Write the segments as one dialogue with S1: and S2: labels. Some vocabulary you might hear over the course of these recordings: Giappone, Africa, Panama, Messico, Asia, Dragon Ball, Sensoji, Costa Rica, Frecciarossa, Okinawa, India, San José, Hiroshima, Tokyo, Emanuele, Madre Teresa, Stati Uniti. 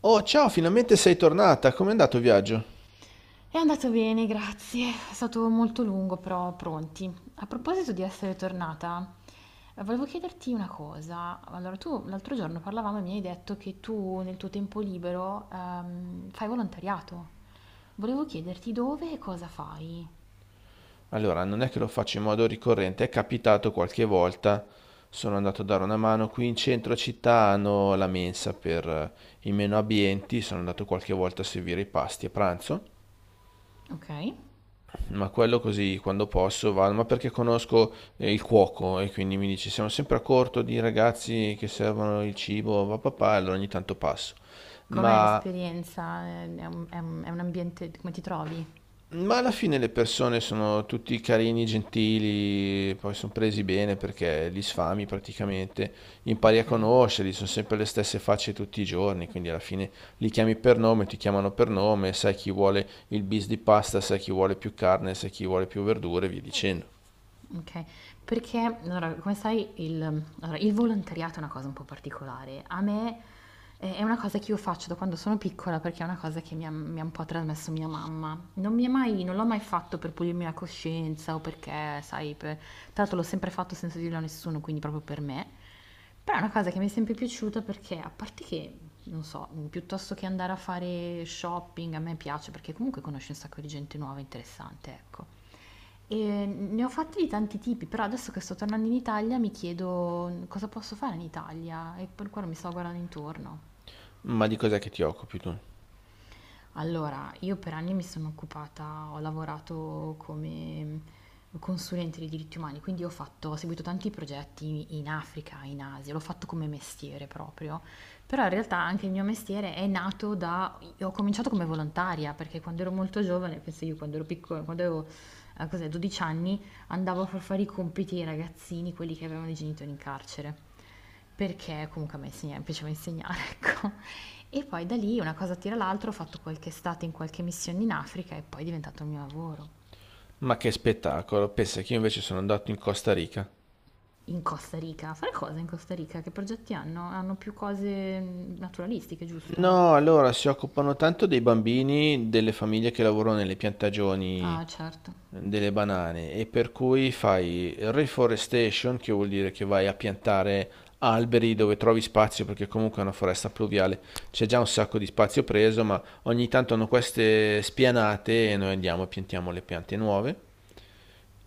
S1: Oh, ciao, finalmente sei tornata. Com'è andato il viaggio?
S2: È andato bene, grazie. È stato molto lungo, però pronti. A proposito di essere tornata, volevo chiederti una cosa. Allora, tu l'altro giorno parlavamo e mi hai detto che tu nel tuo tempo libero fai volontariato. Volevo chiederti dove e cosa fai.
S1: Allora, non è che lo faccio in modo ricorrente, è capitato qualche volta. Sono andato a dare una mano qui in centro città, hanno la mensa per i meno abbienti, sono andato qualche volta a servire i pasti a pranzo,
S2: Ok.
S1: ma quello così quando posso vado, ma perché conosco il cuoco e quindi mi dice siamo sempre a corto di ragazzi che servono il cibo, va papà, allora ogni tanto passo.
S2: Com'è
S1: Ma
S2: l'esperienza? È un ambiente, come ti trovi?
S1: Ma alla fine le persone sono tutti carini, gentili, poi sono presi bene perché li sfami praticamente, impari
S2: Ok.
S1: a conoscerli, sono sempre le stesse facce tutti i giorni, quindi alla fine li chiami per nome, ti chiamano per nome, sai chi vuole il bis di pasta, sai chi vuole più carne, sai chi vuole più verdure, e via dicendo.
S2: Okay. Perché allora, come sai il allora, il volontariato è una cosa un po' particolare. A me è È una cosa che io faccio da quando sono piccola, perché è una cosa che mi ha un po' trasmesso mia mamma. Non l'ho mai fatto per pulirmi la coscienza o perché, sai, per tra l'altro l'ho sempre fatto senza dirlo a nessuno, quindi proprio per me. Però è una cosa che mi è sempre piaciuta perché, a parte che, non so, piuttosto che andare a fare shopping, a me piace perché comunque conosci un sacco di gente nuova e interessante, ecco. Ne ho fatti di tanti tipi, però adesso che sto tornando in Italia mi chiedo cosa posso fare in Italia e per quello mi sto guardando intorno.
S1: Ma di cos'è che ti occupi tu?
S2: Allora, io per anni mi sono occupata, ho lavorato come consulente di diritti umani, quindi ho fatto, ho seguito tanti progetti in Africa, in Asia, l'ho fatto come mestiere proprio, però in realtà anche il mio mestiere è nato da, ho cominciato come volontaria, perché quando ero molto giovane, penso io quando ero piccola, quando avevo, cos'è, 12 anni, andavo a far fare i compiti ai ragazzini, quelli che avevano i genitori in carcere, perché comunque mi piaceva insegnare, ecco. E poi da lì una cosa tira l'altra, ho fatto qualche estate in qualche missione in Africa e poi è diventato il mio lavoro.
S1: Ma che spettacolo, pensa che io invece sono andato in Costa Rica.
S2: In Costa Rica, fare cosa in Costa Rica? Che progetti hanno? Hanno più cose naturalistiche, giusto?
S1: No, allora si occupano tanto dei bambini, delle famiglie che lavorano nelle piantagioni
S2: Ah, certo.
S1: delle banane e per cui fai reforestation, che vuol dire che vai a piantare alberi dove trovi spazio, perché comunque è una foresta pluviale, c'è già un sacco di spazio preso, ma ogni tanto hanno queste spianate e noi andiamo e piantiamo le piante nuove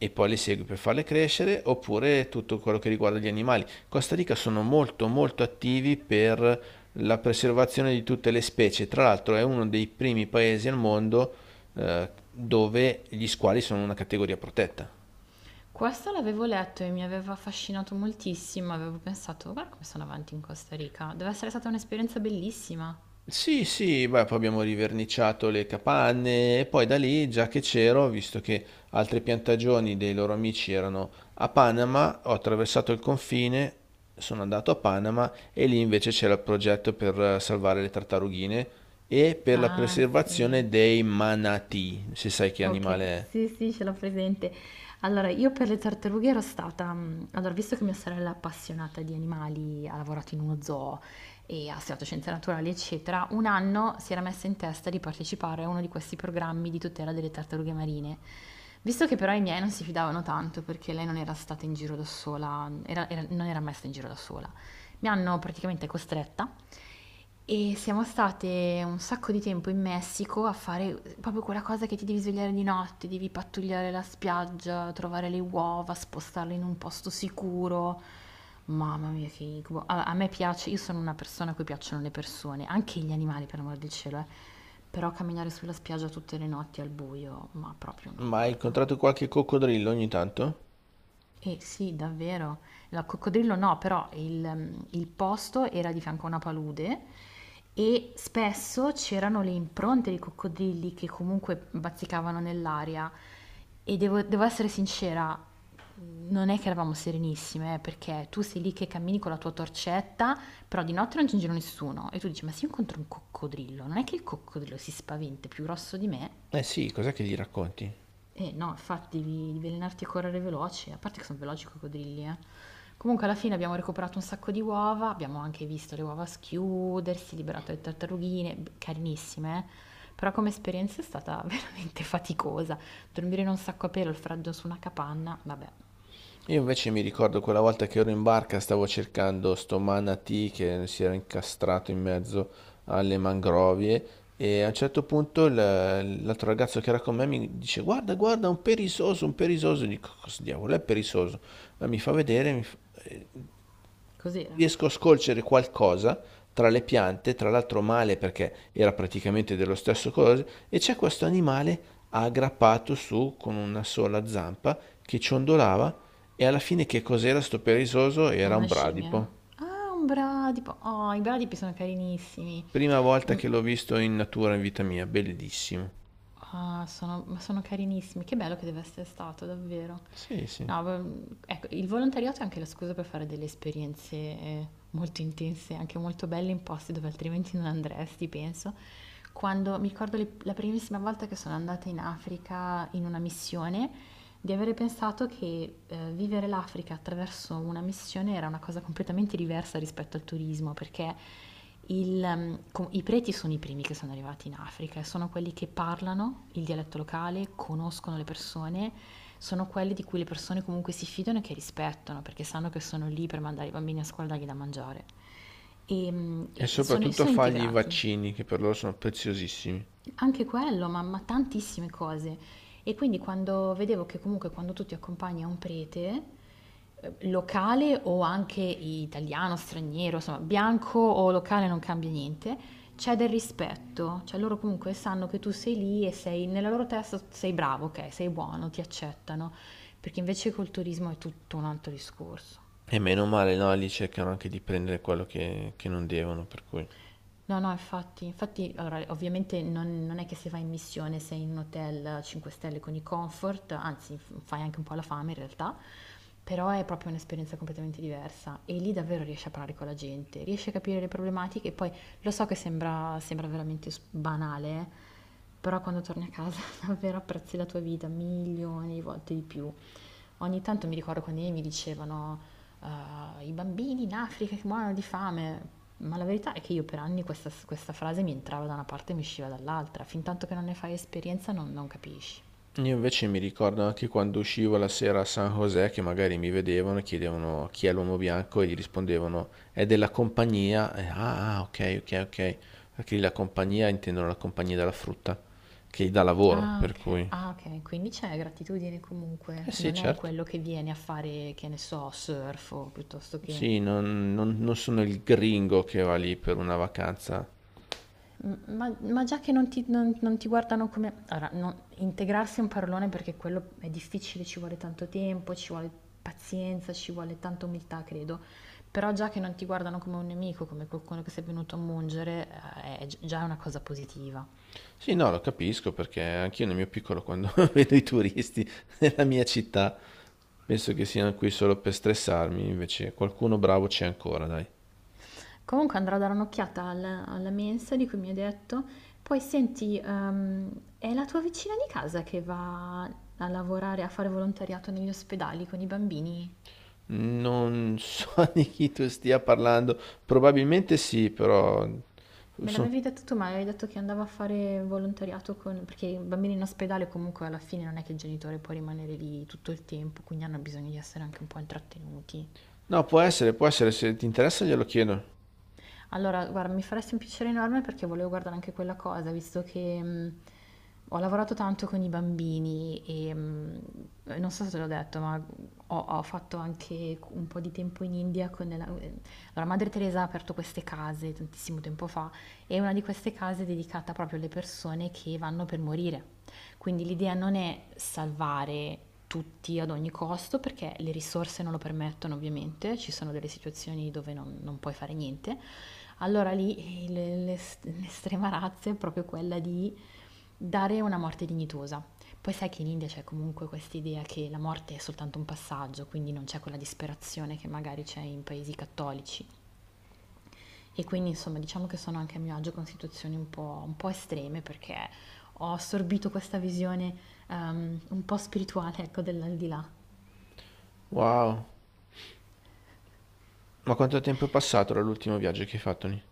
S1: e poi le segui per farle crescere, oppure tutto quello che riguarda gli animali. Costa Rica sono molto molto attivi per la preservazione di tutte le specie, tra l'altro è uno dei primi paesi al mondo dove gli squali sono una categoria protetta.
S2: Questo l'avevo letto e mi aveva affascinato moltissimo, avevo pensato, guarda come sono avanti in Costa Rica, deve essere stata un'esperienza bellissima.
S1: Sì, sì, beh, poi abbiamo riverniciato le capanne e poi da lì, già che c'ero, visto che altre piantagioni dei loro amici erano a Panama, ho attraversato il confine, sono andato a Panama e lì invece c'era il progetto per salvare le tartarughine e per la
S2: Ah, sì.
S1: preservazione dei manatì, se sai che
S2: Okay,
S1: animale è.
S2: sì, sì, ce l'ho presente. Allora, io per le tartarughe ero stata allora visto che mia sorella è appassionata di animali, ha lavorato in uno zoo e ha studiato scienze naturali, eccetera, un anno si era messa in testa di partecipare a uno di questi programmi di tutela delle tartarughe marine. Visto che però i miei non si fidavano tanto perché lei non era stata in giro da sola, era era non era mai stata in giro da sola, mi hanno praticamente costretta e siamo state un sacco di tempo in Messico a fare proprio quella cosa che ti devi svegliare di notte, devi pattugliare la spiaggia, trovare le uova, spostarle in un posto sicuro. Mamma mia, che incubo. A me piace, io sono una persona a cui piacciono le persone, anche gli animali, per amor del cielo, eh. Però camminare sulla spiaggia tutte le notti al buio, ma proprio no,
S1: Ma hai
S2: guarda.
S1: incontrato qualche coccodrillo ogni tanto?
S2: Eh sì, davvero. La coccodrillo no, però il posto era di fianco a una palude e spesso c'erano le impronte di coccodrilli che comunque bazzicavano nell'aria. E devo essere sincera, non è che eravamo serenissime, perché tu sei lì che cammini con la tua torcetta, però di notte non c'è in giro nessuno. E tu dici, ma se io incontro un coccodrillo, non è che il coccodrillo si spaventa, è più grosso di me?
S1: Eh sì, cos'è che gli racconti?
S2: Eh no, infatti devi allenarti a correre veloce, a parte che sono veloci i coccodrilli, eh. Comunque alla fine abbiamo recuperato un sacco di uova, abbiamo anche visto le uova schiudersi, liberato le tartarughine, carinissime, eh. Però come esperienza è stata veramente faticosa. Dormire in un sacco a pelo, il freddo su una capanna, vabbè,
S1: Io invece mi ricordo quella volta che ero in barca, stavo cercando sto manatee che si era incastrato in mezzo alle mangrovie e a un certo punto l'altro ragazzo che era con me mi dice guarda, guarda, un perisoso, un perisoso. Dico, cosa diavolo è perisoso? Ma mi fa vedere, eh,
S2: cos'era?
S1: riesco a scolcere qualcosa tra le piante, tra l'altro male perché era praticamente dello stesso colore, e c'è questo animale aggrappato su con una sola zampa che ciondolava e alla fine che cos'era sto perisoso? Era
S2: Una
S1: un
S2: scimmia?
S1: bradipo.
S2: Ah, un bradipo. Oh, i bradipi sono carinissimi.
S1: Prima volta
S2: Mm.
S1: che l'ho visto in natura in vita mia, bellissimo.
S2: Ah, ma sono carinissimi, che bello che deve essere stato, davvero.
S1: Sì, sì.
S2: No, ecco, il volontariato è anche la scusa per fare delle esperienze molto intense, anche molto belle in posti dove altrimenti non andresti, penso. Quando mi ricordo la primissima volta che sono andata in Africa in una missione, di avere pensato che vivere l'Africa attraverso una missione era una cosa completamente diversa rispetto al turismo, perché i preti sono i primi che sono arrivati in Africa, e sono quelli che parlano il dialetto locale, conoscono le persone, sono quelli di cui le persone comunque si fidano e che rispettano, perché sanno che sono lì per mandare i bambini a scuola e dargli da mangiare. E, mm,
S1: E
S2: e sono,
S1: soprattutto a
S2: sono
S1: fargli i
S2: integrati.
S1: vaccini che per loro sono preziosissimi.
S2: Anche quello, ma tantissime cose. E quindi quando vedevo che comunque quando tu ti accompagni a un prete, locale o anche italiano, straniero, insomma, bianco o locale non cambia niente, c'è del rispetto, cioè loro comunque sanno che tu sei lì e sei nella loro testa sei bravo, ok, sei buono, ti accettano, perché invece col turismo è tutto un altro discorso.
S1: E meno male, no? Lì cercano anche di prendere quello che non devono, per cui...
S2: No, no, infatti, infatti, allora, ovviamente non è che se vai in missione sei in un hotel 5 stelle con i comfort, anzi fai anche un po' la fame in realtà, però è proprio un'esperienza completamente diversa e lì davvero riesci a parlare con la gente, riesci a capire le problematiche e poi lo so che sembra veramente banale, però quando torni a casa davvero apprezzi la tua vita milioni di volte di più. Ogni tanto mi ricordo quando i miei mi dicevano: "Ah, i bambini in Africa che muoiono di fame", ma la verità è che io per anni questa frase mi entrava da una parte e mi usciva dall'altra, fintanto che non ne fai esperienza non capisci.
S1: Io invece mi ricordo anche quando uscivo la sera a San José che magari mi vedevano e chiedevano chi è l'uomo bianco e gli rispondevano è della compagnia. E, ah, ah, ok, ok, ok. Perché la compagnia intendono la compagnia della frutta che gli dà lavoro,
S2: Ah
S1: per
S2: ok,
S1: cui... Eh
S2: ah, ok, quindi c'è gratitudine comunque,
S1: sì,
S2: non è
S1: certo.
S2: quello che viene a fare, che ne so, surf o piuttosto che...
S1: Sì, non sono il gringo che va lì per una vacanza.
S2: Ma già che non ti guardano come... Allora, integrarsi è un parolone perché quello è difficile, ci vuole tanto tempo, ci vuole pazienza, ci vuole tanta umiltà, credo. Però già che non ti guardano come un nemico, come qualcuno che sei venuto a mungere, è già una cosa positiva.
S1: Sì, no, lo capisco perché anch'io nel mio piccolo quando vedo i turisti nella mia città penso che siano qui solo per stressarmi, invece qualcuno bravo c'è ancora, dai.
S2: Comunque andrò a dare un'occhiata alla mensa di cui mi hai detto. Poi senti, è la tua vicina di casa che va a lavorare, a fare volontariato negli ospedali con i bambini?
S1: Non so di chi tu stia parlando, probabilmente sì, però...
S2: Me
S1: so-
S2: l'avevi detto tu, ma avevi detto che andava a fare volontariato con... perché i bambini in ospedale comunque alla fine non è che il genitore può rimanere lì tutto il tempo, quindi hanno bisogno di essere anche un po' intrattenuti.
S1: No, può essere, se ti interessa glielo chiedo.
S2: Allora, guarda, mi faresti un piacere enorme perché volevo guardare anche quella cosa, visto che ho lavorato tanto con i bambini e non so se te l'ho detto, ma ho fatto anche un po' di tempo in India con la... Allora, Madre Teresa ha aperto queste case tantissimo tempo fa e una di queste case è dedicata proprio alle persone che vanno per morire. Quindi l'idea non è salvare tutti ad ogni costo perché le risorse non lo permettono ovviamente, ci sono delle situazioni dove non puoi fare niente. Allora lì l'estrema razza è proprio quella di dare una morte dignitosa. Poi sai che in India c'è comunque questa idea che la morte è soltanto un passaggio, quindi non c'è quella disperazione che magari c'è in paesi cattolici. E quindi insomma diciamo che sono anche a mio agio con situazioni un po' estreme perché ho assorbito questa visione un po' spirituale, ecco, dell'aldilà.
S1: Wow, ma quanto tempo è passato dall'ultimo viaggio che hai fatto lì?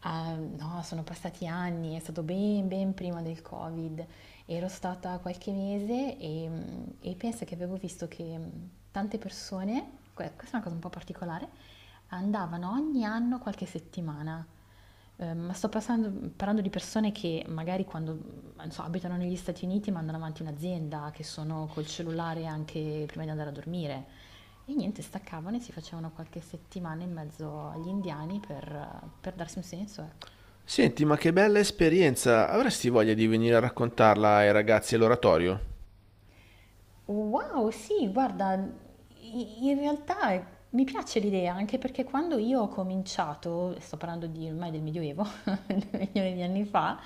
S2: Ah, no, sono passati anni, è stato ben, ben prima del Covid, ero stata qualche mese e penso che avevo visto che tante persone, questa è una cosa un po' particolare, andavano ogni anno qualche settimana. Ma parlando di persone che magari quando, non so, abitano negli Stati Uniti mandano avanti un'azienda, che sono col cellulare anche prima di andare a dormire. E niente, staccavano e si facevano qualche settimana in mezzo agli indiani per darsi un senso, ecco.
S1: Senti, ma che bella esperienza! Avresti voglia di venire a raccontarla ai ragazzi all'oratorio?
S2: Wow, sì, guarda, i- in realtà è- mi piace l'idea, anche perché quando io ho cominciato, sto parlando di ormai del Medioevo, milioni di anni fa,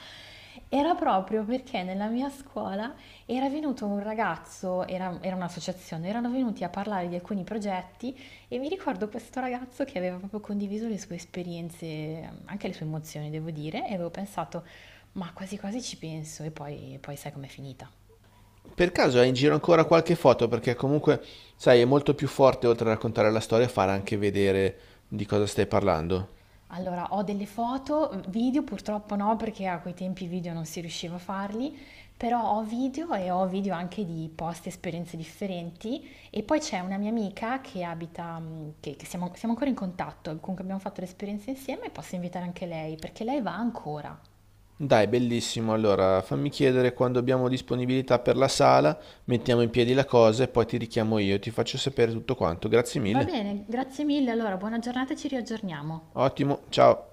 S2: era proprio perché nella mia scuola era venuto un ragazzo, era un'associazione, erano venuti a parlare di alcuni progetti e mi ricordo questo ragazzo che aveva proprio condiviso le sue esperienze, anche le sue emozioni, devo dire, e avevo pensato, ma quasi quasi ci penso, e poi sai com'è finita.
S1: Per caso hai in giro ancora qualche foto? Perché comunque, sai, è molto più forte oltre a raccontare la storia, fare anche vedere di cosa stai parlando.
S2: Allora, ho delle foto, video purtroppo no, perché a quei tempi i video non si riusciva a farli, però ho video e ho video anche di posti, esperienze differenti. E poi c'è una mia amica che abita, che siamo ancora in contatto, comunque abbiamo fatto l'esperienza insieme e posso invitare anche lei, perché lei va ancora.
S1: Dai, bellissimo. Allora, fammi chiedere quando abbiamo disponibilità per la sala, mettiamo in piedi la cosa e poi ti richiamo io, ti faccio sapere tutto quanto. Grazie
S2: Va
S1: mille.
S2: bene, grazie mille, allora buona giornata e ci riaggiorniamo.
S1: Ottimo, ciao.